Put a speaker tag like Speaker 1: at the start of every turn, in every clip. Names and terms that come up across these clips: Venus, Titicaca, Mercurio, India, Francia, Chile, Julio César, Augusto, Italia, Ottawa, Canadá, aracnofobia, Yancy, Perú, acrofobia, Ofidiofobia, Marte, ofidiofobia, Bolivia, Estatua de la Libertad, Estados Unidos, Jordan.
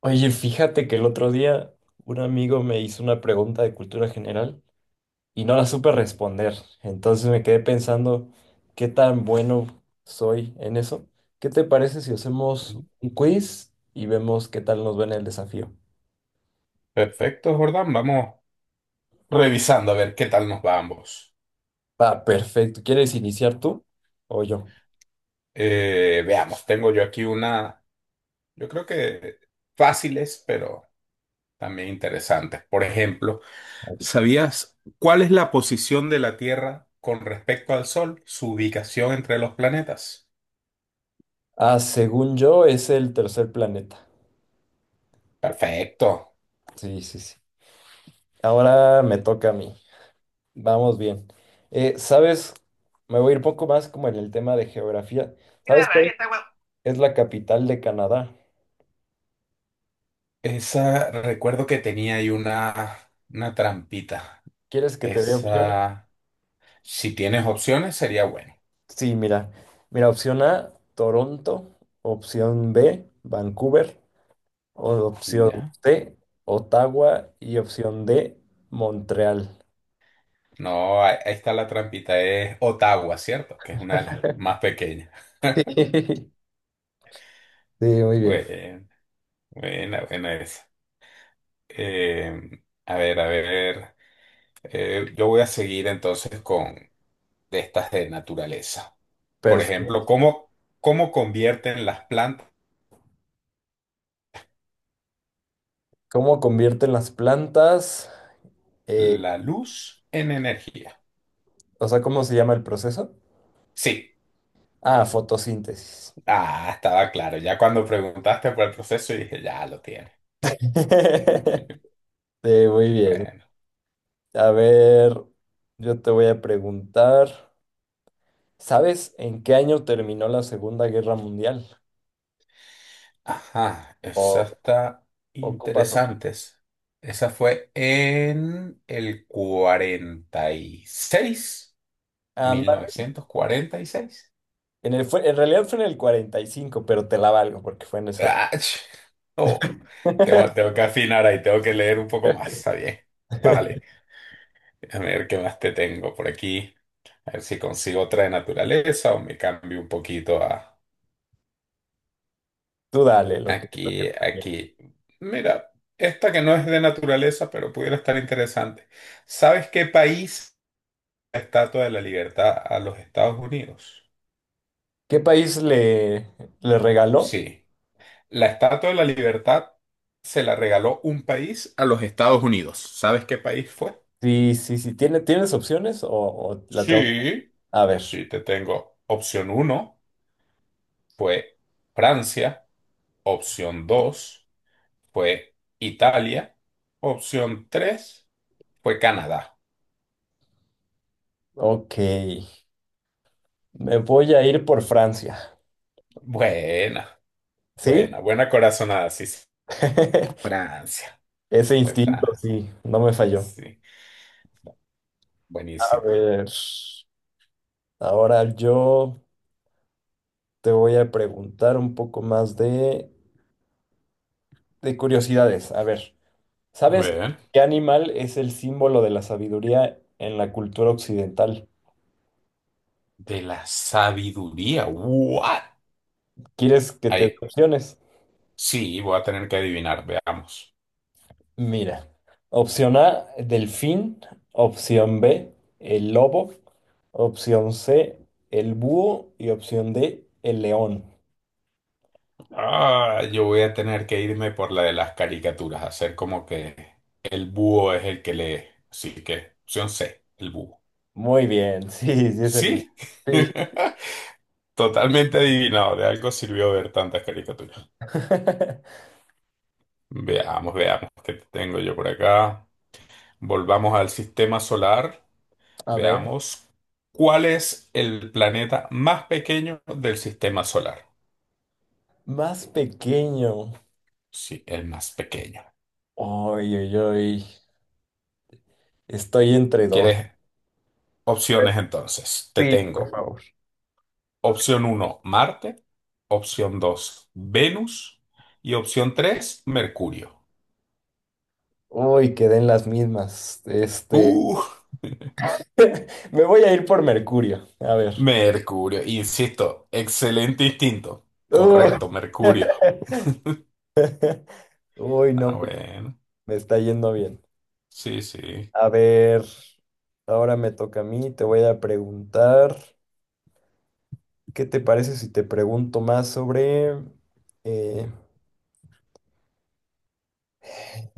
Speaker 1: Oye, fíjate que el otro día un amigo me hizo una pregunta de cultura general y no la supe responder. Entonces me quedé pensando qué tan bueno soy en eso. ¿Qué te parece si hacemos un quiz y vemos qué tal nos va en el desafío?
Speaker 2: Perfecto, Jordan. Vamos revisando a ver qué tal nos va a ambos.
Speaker 1: Va, perfecto. ¿Quieres iniciar tú o yo?
Speaker 2: Veamos, tengo yo aquí yo creo que fáciles, pero también interesantes. Por ejemplo, ¿sabías cuál es la posición de la Tierra con respecto al Sol, su ubicación entre los planetas?
Speaker 1: Ah, según yo es el tercer planeta.
Speaker 2: Perfecto.
Speaker 1: Sí, sí, sí. Ahora me toca a mí. Vamos bien. ¿Sabes? Me voy a ir poco más como en el tema de geografía.
Speaker 2: Y la
Speaker 1: ¿Sabes?
Speaker 2: está guapo.
Speaker 1: Es la capital de Canadá.
Speaker 2: Esa, recuerdo que tenía ahí una trampita.
Speaker 1: ¿Quieres que te dé opciones?
Speaker 2: Esa, si tienes opciones, sería bueno.
Speaker 1: Sí, mira. Mira, opción A, Toronto. Opción B, Vancouver. Opción
Speaker 2: Ya.
Speaker 1: C, Ottawa. Y opción D, Montreal.
Speaker 2: No, ahí está la trampita, es Ottawa, ¿cierto? Que es una de las más pequeñas.
Speaker 1: Sí, muy bien.
Speaker 2: Buena, buena, buena esa. A ver, a ver, yo voy a seguir entonces con de estas de naturaleza. Por ejemplo,
Speaker 1: Perfecto.
Speaker 2: ¿cómo convierten las plantas
Speaker 1: ¿Cómo convierten las plantas? Eh,
Speaker 2: la luz en energía?
Speaker 1: o sea, ¿cómo se llama el proceso?
Speaker 2: Sí,
Speaker 1: Ah, fotosíntesis.
Speaker 2: ah, estaba claro. Ya cuando preguntaste por el proceso dije, ya lo tiene.
Speaker 1: Sí, muy bien.
Speaker 2: Bueno.
Speaker 1: A ver, yo te voy a preguntar. ¿Sabes en qué año terminó la Segunda Guerra Mundial?
Speaker 2: Ajá, esa
Speaker 1: O
Speaker 2: está
Speaker 1: ocupas opción.
Speaker 2: interesantes. Esa fue en el
Speaker 1: Anda,
Speaker 2: 46,
Speaker 1: en realidad fue en el 45, pero te la valgo porque fue en ese.
Speaker 2: 1946. ¡Ach! Oh, tengo, tengo que afinar ahí, tengo que leer un poco más, está bien. Vale, déjame ver qué más te tengo por aquí. A ver si consigo otra de naturaleza o me cambio un poquito a
Speaker 1: Tú dale lo que
Speaker 2: aquí,
Speaker 1: prefieras.
Speaker 2: aquí. Mira, esta que no es de naturaleza, pero pudiera estar interesante. ¿Sabes qué país? ¿La Estatua de la Libertad a los Estados Unidos?
Speaker 1: ¿Qué país le, ¿Le regaló?
Speaker 2: Sí. La Estatua de la Libertad se la regaló un país a los Estados Unidos. ¿Sabes qué país fue?
Speaker 1: Sí, sí, sí. ¿Tienes opciones o la tengo? Que...
Speaker 2: Sí.
Speaker 1: A ver,
Speaker 2: Sí, te tengo. Opción uno fue Francia. Opción 2 fue Italia. Opción 3 fue Canadá.
Speaker 1: ok. Me voy a ir por Francia.
Speaker 2: Buena,
Speaker 1: ¿Sí?
Speaker 2: buena, buena corazonada. Sí, sí. Francia.
Speaker 1: Ese
Speaker 2: De
Speaker 1: instinto,
Speaker 2: Francia.
Speaker 1: sí, no me falló.
Speaker 2: Sí,
Speaker 1: A
Speaker 2: buenísimo.
Speaker 1: ver, ahora yo. Te voy a preguntar un poco más de curiosidades. A ver,
Speaker 2: A
Speaker 1: ¿sabes
Speaker 2: ver.
Speaker 1: qué animal es el símbolo de la sabiduría en la cultura occidental?
Speaker 2: De la sabiduría. ¿What?
Speaker 1: ¿Quieres que te dé
Speaker 2: Ay,
Speaker 1: opciones?
Speaker 2: sí, voy a tener que adivinar, veamos.
Speaker 1: Mira, opción A, delfín, opción B, el lobo, opción C, el búho y opción D, el león.
Speaker 2: Ah, yo voy a tener que irme por la de las caricaturas, hacer como que el búho es el que lee. Así que, opción C, el búho.
Speaker 1: Muy bien, sí, sí es el león.
Speaker 2: Sí,
Speaker 1: Sí.
Speaker 2: totalmente adivinado. De algo sirvió ver tantas caricaturas. Veamos, veamos qué tengo yo por acá. Volvamos al sistema solar.
Speaker 1: A ver,
Speaker 2: Veamos cuál es el planeta más pequeño del sistema solar.
Speaker 1: más pequeño.
Speaker 2: Sí, el más pequeño.
Speaker 1: Oye, oye, oye. Estoy entre dos.
Speaker 2: ¿Quieres opciones entonces? Te
Speaker 1: Sí, por
Speaker 2: tengo
Speaker 1: favor.
Speaker 2: opción uno Marte, opción 2 Venus y opción 3 Mercurio.
Speaker 1: Uy, quedé en las mismas.
Speaker 2: Uh,
Speaker 1: Me voy a ir por Mercurio. A ver.
Speaker 2: Mercurio, insisto, excelente instinto.
Speaker 1: Uy,
Speaker 2: Correcto, Mercurio.
Speaker 1: uy, no,
Speaker 2: Ah,
Speaker 1: pues,
Speaker 2: bueno,
Speaker 1: me está yendo bien.
Speaker 2: sí, sí.
Speaker 1: A ver, ahora me toca a mí. Te voy a preguntar, ¿qué te parece si te pregunto más sobre eh,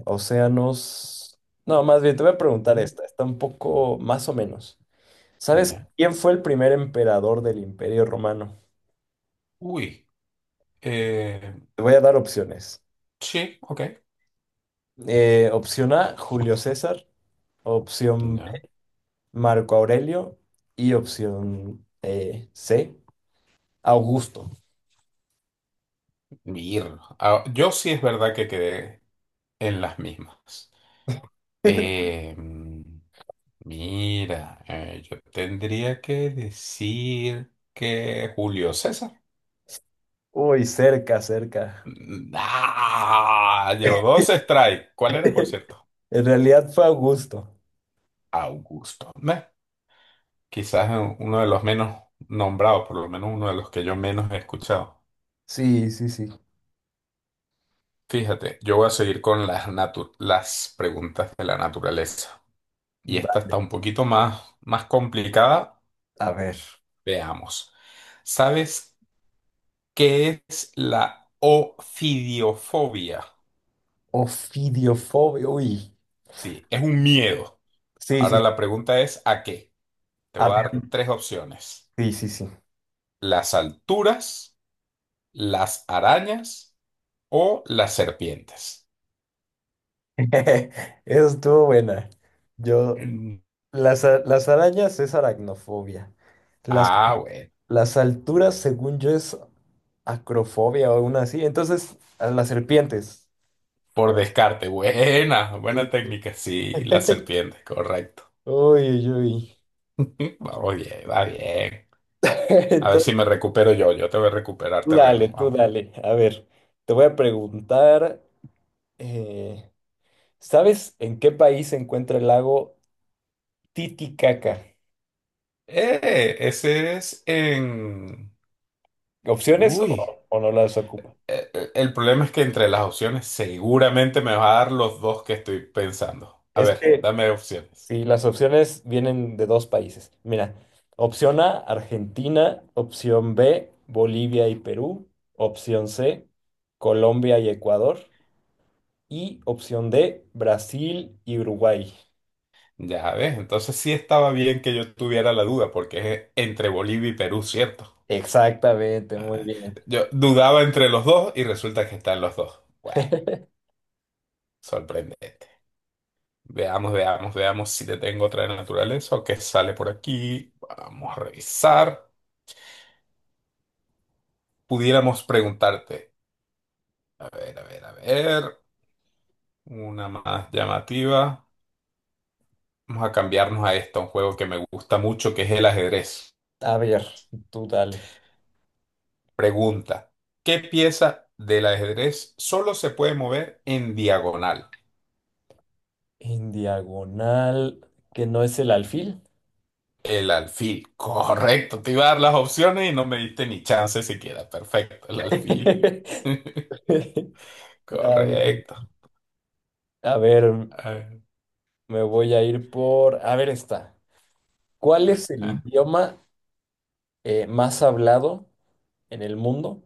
Speaker 1: océanos? No, más bien te voy a preguntar
Speaker 2: Ujú,
Speaker 1: esta. Está un poco más o menos. ¿Sabes
Speaker 2: ya.
Speaker 1: quién fue el primer emperador del Imperio Romano?
Speaker 2: Uy, eh,
Speaker 1: Te voy a dar opciones.
Speaker 2: sí, ok.
Speaker 1: Opción A, Julio César. Opción B,
Speaker 2: Ya.
Speaker 1: Marco Aurelio. Y opción C, Augusto.
Speaker 2: Mir. Ah, yo sí es verdad que quedé en las mismas. Eh, mm, Mira, yo tendría que decir que Julio César.
Speaker 1: Uy, cerca, cerca.
Speaker 2: Ah, llevo dos strikes. ¿Cuál era, por cierto?
Speaker 1: En realidad fue Augusto.
Speaker 2: Augusto. Meh, quizás uno de los menos nombrados, por lo menos uno de los que yo menos he escuchado.
Speaker 1: Sí, sí, sí.
Speaker 2: Fíjate, yo voy a seguir con las preguntas de la naturaleza. Y
Speaker 1: Va,
Speaker 2: esta está un poquito más, más complicada.
Speaker 1: a ver.
Speaker 2: Veamos. ¿Sabes qué es la ofidiofobia?
Speaker 1: Ofidiofobia. Uy.
Speaker 2: Sí, es un miedo.
Speaker 1: Sí,
Speaker 2: Ahora
Speaker 1: sí.
Speaker 2: la pregunta es, ¿a qué? Te
Speaker 1: A
Speaker 2: voy a
Speaker 1: ver.
Speaker 2: dar tres opciones.
Speaker 1: Sí, sí, sí.
Speaker 2: Las alturas, las arañas o las serpientes.
Speaker 1: Eso estuvo buena. Yo.
Speaker 2: Mm,
Speaker 1: Las, las arañas es aracnofobia. Las
Speaker 2: Ah, bueno.
Speaker 1: Las alturas, según yo, es acrofobia o una así. Entonces, a las serpientes.
Speaker 2: Por descarte, buena, buena
Speaker 1: Sí.
Speaker 2: técnica. Sí, las serpientes, correcto.
Speaker 1: Uy, uy, uy.
Speaker 2: Vamos bien, va bien. A ver si
Speaker 1: Entonces,
Speaker 2: me recupero yo, te voy a recuperar
Speaker 1: tú dale,
Speaker 2: terreno.
Speaker 1: tú
Speaker 2: Vamos.
Speaker 1: dale. A ver, te voy a preguntar, eh, ¿sabes en qué país se encuentra el lago Titicaca?
Speaker 2: Ese es en...
Speaker 1: ¿Opciones
Speaker 2: Uy.
Speaker 1: o no las ocupa?
Speaker 2: El problema es que entre las opciones seguramente me va a dar los dos que estoy pensando. A
Speaker 1: Es
Speaker 2: ver,
Speaker 1: que
Speaker 2: dame opciones.
Speaker 1: Sí, las opciones vienen de dos países. Mira, opción A, Argentina, opción B, Bolivia y Perú, opción C, Colombia y Ecuador, y opción D, Brasil y Uruguay.
Speaker 2: Ya ves, entonces sí estaba bien que yo tuviera la duda, porque es entre Bolivia y Perú, ¿cierto?
Speaker 1: Exactamente, muy
Speaker 2: Ah,
Speaker 1: bien.
Speaker 2: yo dudaba entre los dos y resulta que están los dos. Bueno, sorprendente. Veamos, veamos, veamos si te tengo otra de naturaleza o qué sale por aquí. Vamos a revisar. Pudiéramos preguntarte. A ver, a ver, a ver. Una más llamativa. Vamos a cambiarnos a esto, un juego que me gusta mucho, que es el ajedrez.
Speaker 1: A ver, tú dale.
Speaker 2: Pregunta, ¿qué pieza del ajedrez solo se puede mover en diagonal?
Speaker 1: En diagonal, que no es el alfil.
Speaker 2: El alfil. Correcto, te iba a dar las opciones y no me diste ni chance siquiera. Perfecto, el alfil.
Speaker 1: A ver,
Speaker 2: Correcto.
Speaker 1: a ver,
Speaker 2: Ajá.
Speaker 1: me voy a ir por... A ver, está. ¿Cuál es el idioma más hablado en el mundo,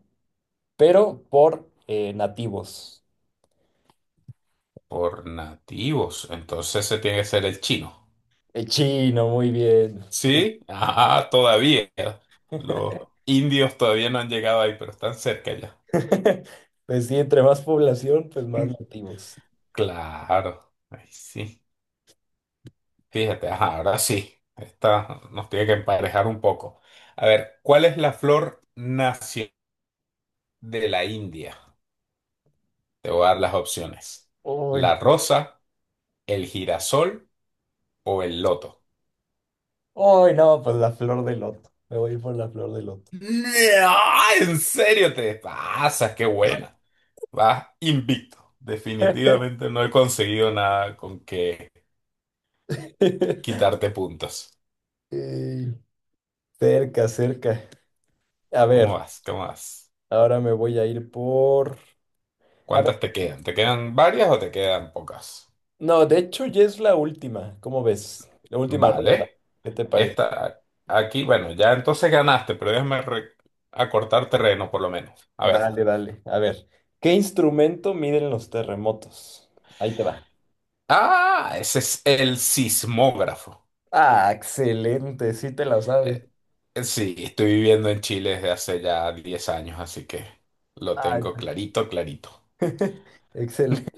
Speaker 1: pero por nativos?
Speaker 2: Por nativos, entonces se tiene que ser el chino.
Speaker 1: El chino, muy bien.
Speaker 2: ¿Sí? Ah, todavía. Los indios todavía no han llegado ahí, pero están cerca ya.
Speaker 1: Pues sí, entre más población, pues más
Speaker 2: Mm,
Speaker 1: nativos.
Speaker 2: Claro, ahí sí. Fíjate, ajá, ahora sí, esta nos tiene que emparejar un poco. A ver, ¿cuál es la flor nacional de la India? Te voy a dar las opciones.
Speaker 1: Uy,
Speaker 2: ¿La rosa, el girasol o el loto?
Speaker 1: uy, no, pues la flor de loto. Me voy a ir por la flor de loto.
Speaker 2: ¡Ah! ¿En serio te pasas? ¡Qué buena! Vas invicto. Definitivamente no he conseguido nada con que quitarte puntos.
Speaker 1: Ey, cerca, cerca. A
Speaker 2: ¿Cómo
Speaker 1: ver,
Speaker 2: vas? ¿Cómo vas?
Speaker 1: ahora me voy a ir por... A ver,
Speaker 2: ¿Cuántas te quedan? ¿Te quedan varias o te quedan pocas?
Speaker 1: no, de hecho ya es la última, ¿cómo ves? La última ronda.
Speaker 2: Vale.
Speaker 1: ¿Qué te parece?
Speaker 2: Esta, aquí, bueno, ya entonces ganaste, pero déjame acortar terreno por lo menos. A ver.
Speaker 1: Dale, dale. A ver, ¿qué instrumento miden los terremotos? Ahí te va.
Speaker 2: Ah, ese es el sismógrafo.
Speaker 1: Ah, excelente, sí te la sabes.
Speaker 2: Eh, sí, estoy viviendo en Chile desde hace ya 10 años, así que lo
Speaker 1: Ay,
Speaker 2: tengo clarito, clarito.
Speaker 1: excelente.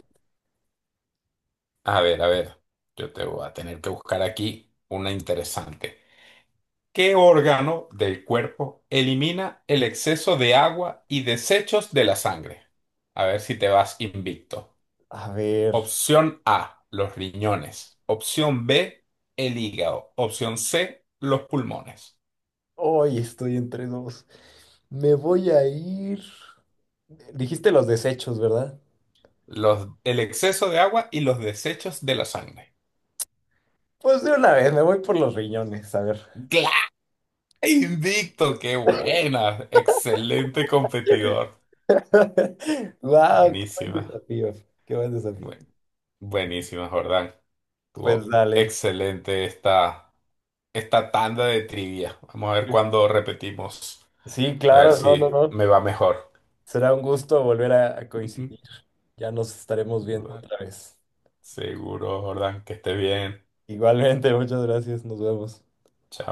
Speaker 2: A ver, yo te voy a tener que buscar aquí una interesante. ¿Qué órgano del cuerpo elimina el exceso de agua y desechos de la sangre? A ver si te vas invicto.
Speaker 1: A ver,
Speaker 2: Opción A, los riñones. Opción B, el hígado. Opción C, los pulmones.
Speaker 1: hoy estoy entre dos. Me voy a ir. Dijiste los desechos, ¿verdad?
Speaker 2: Los, el exceso de agua y los desechos de la sangre.
Speaker 1: Pues de una vez, me voy por los riñones, a ver.
Speaker 2: ¡Claro! Invicto, qué buena. Excelente competidor.
Speaker 1: Wow, qué buen
Speaker 2: Buenísima.
Speaker 1: desafío, qué buen desafío.
Speaker 2: buen- Buenísima, Jordán.
Speaker 1: Pues
Speaker 2: Tuvo
Speaker 1: dale.
Speaker 2: excelente esta, esta tanda de trivia. Vamos a ver cuándo repetimos.
Speaker 1: Sí,
Speaker 2: A ver
Speaker 1: claro, no, no,
Speaker 2: si
Speaker 1: no.
Speaker 2: me va mejor.
Speaker 1: Será un gusto volver a coincidir. Ya nos estaremos viendo otra vez.
Speaker 2: Seguro, Jordán, que esté bien.
Speaker 1: Igualmente, muchas gracias. Nos vemos.
Speaker 2: Chao.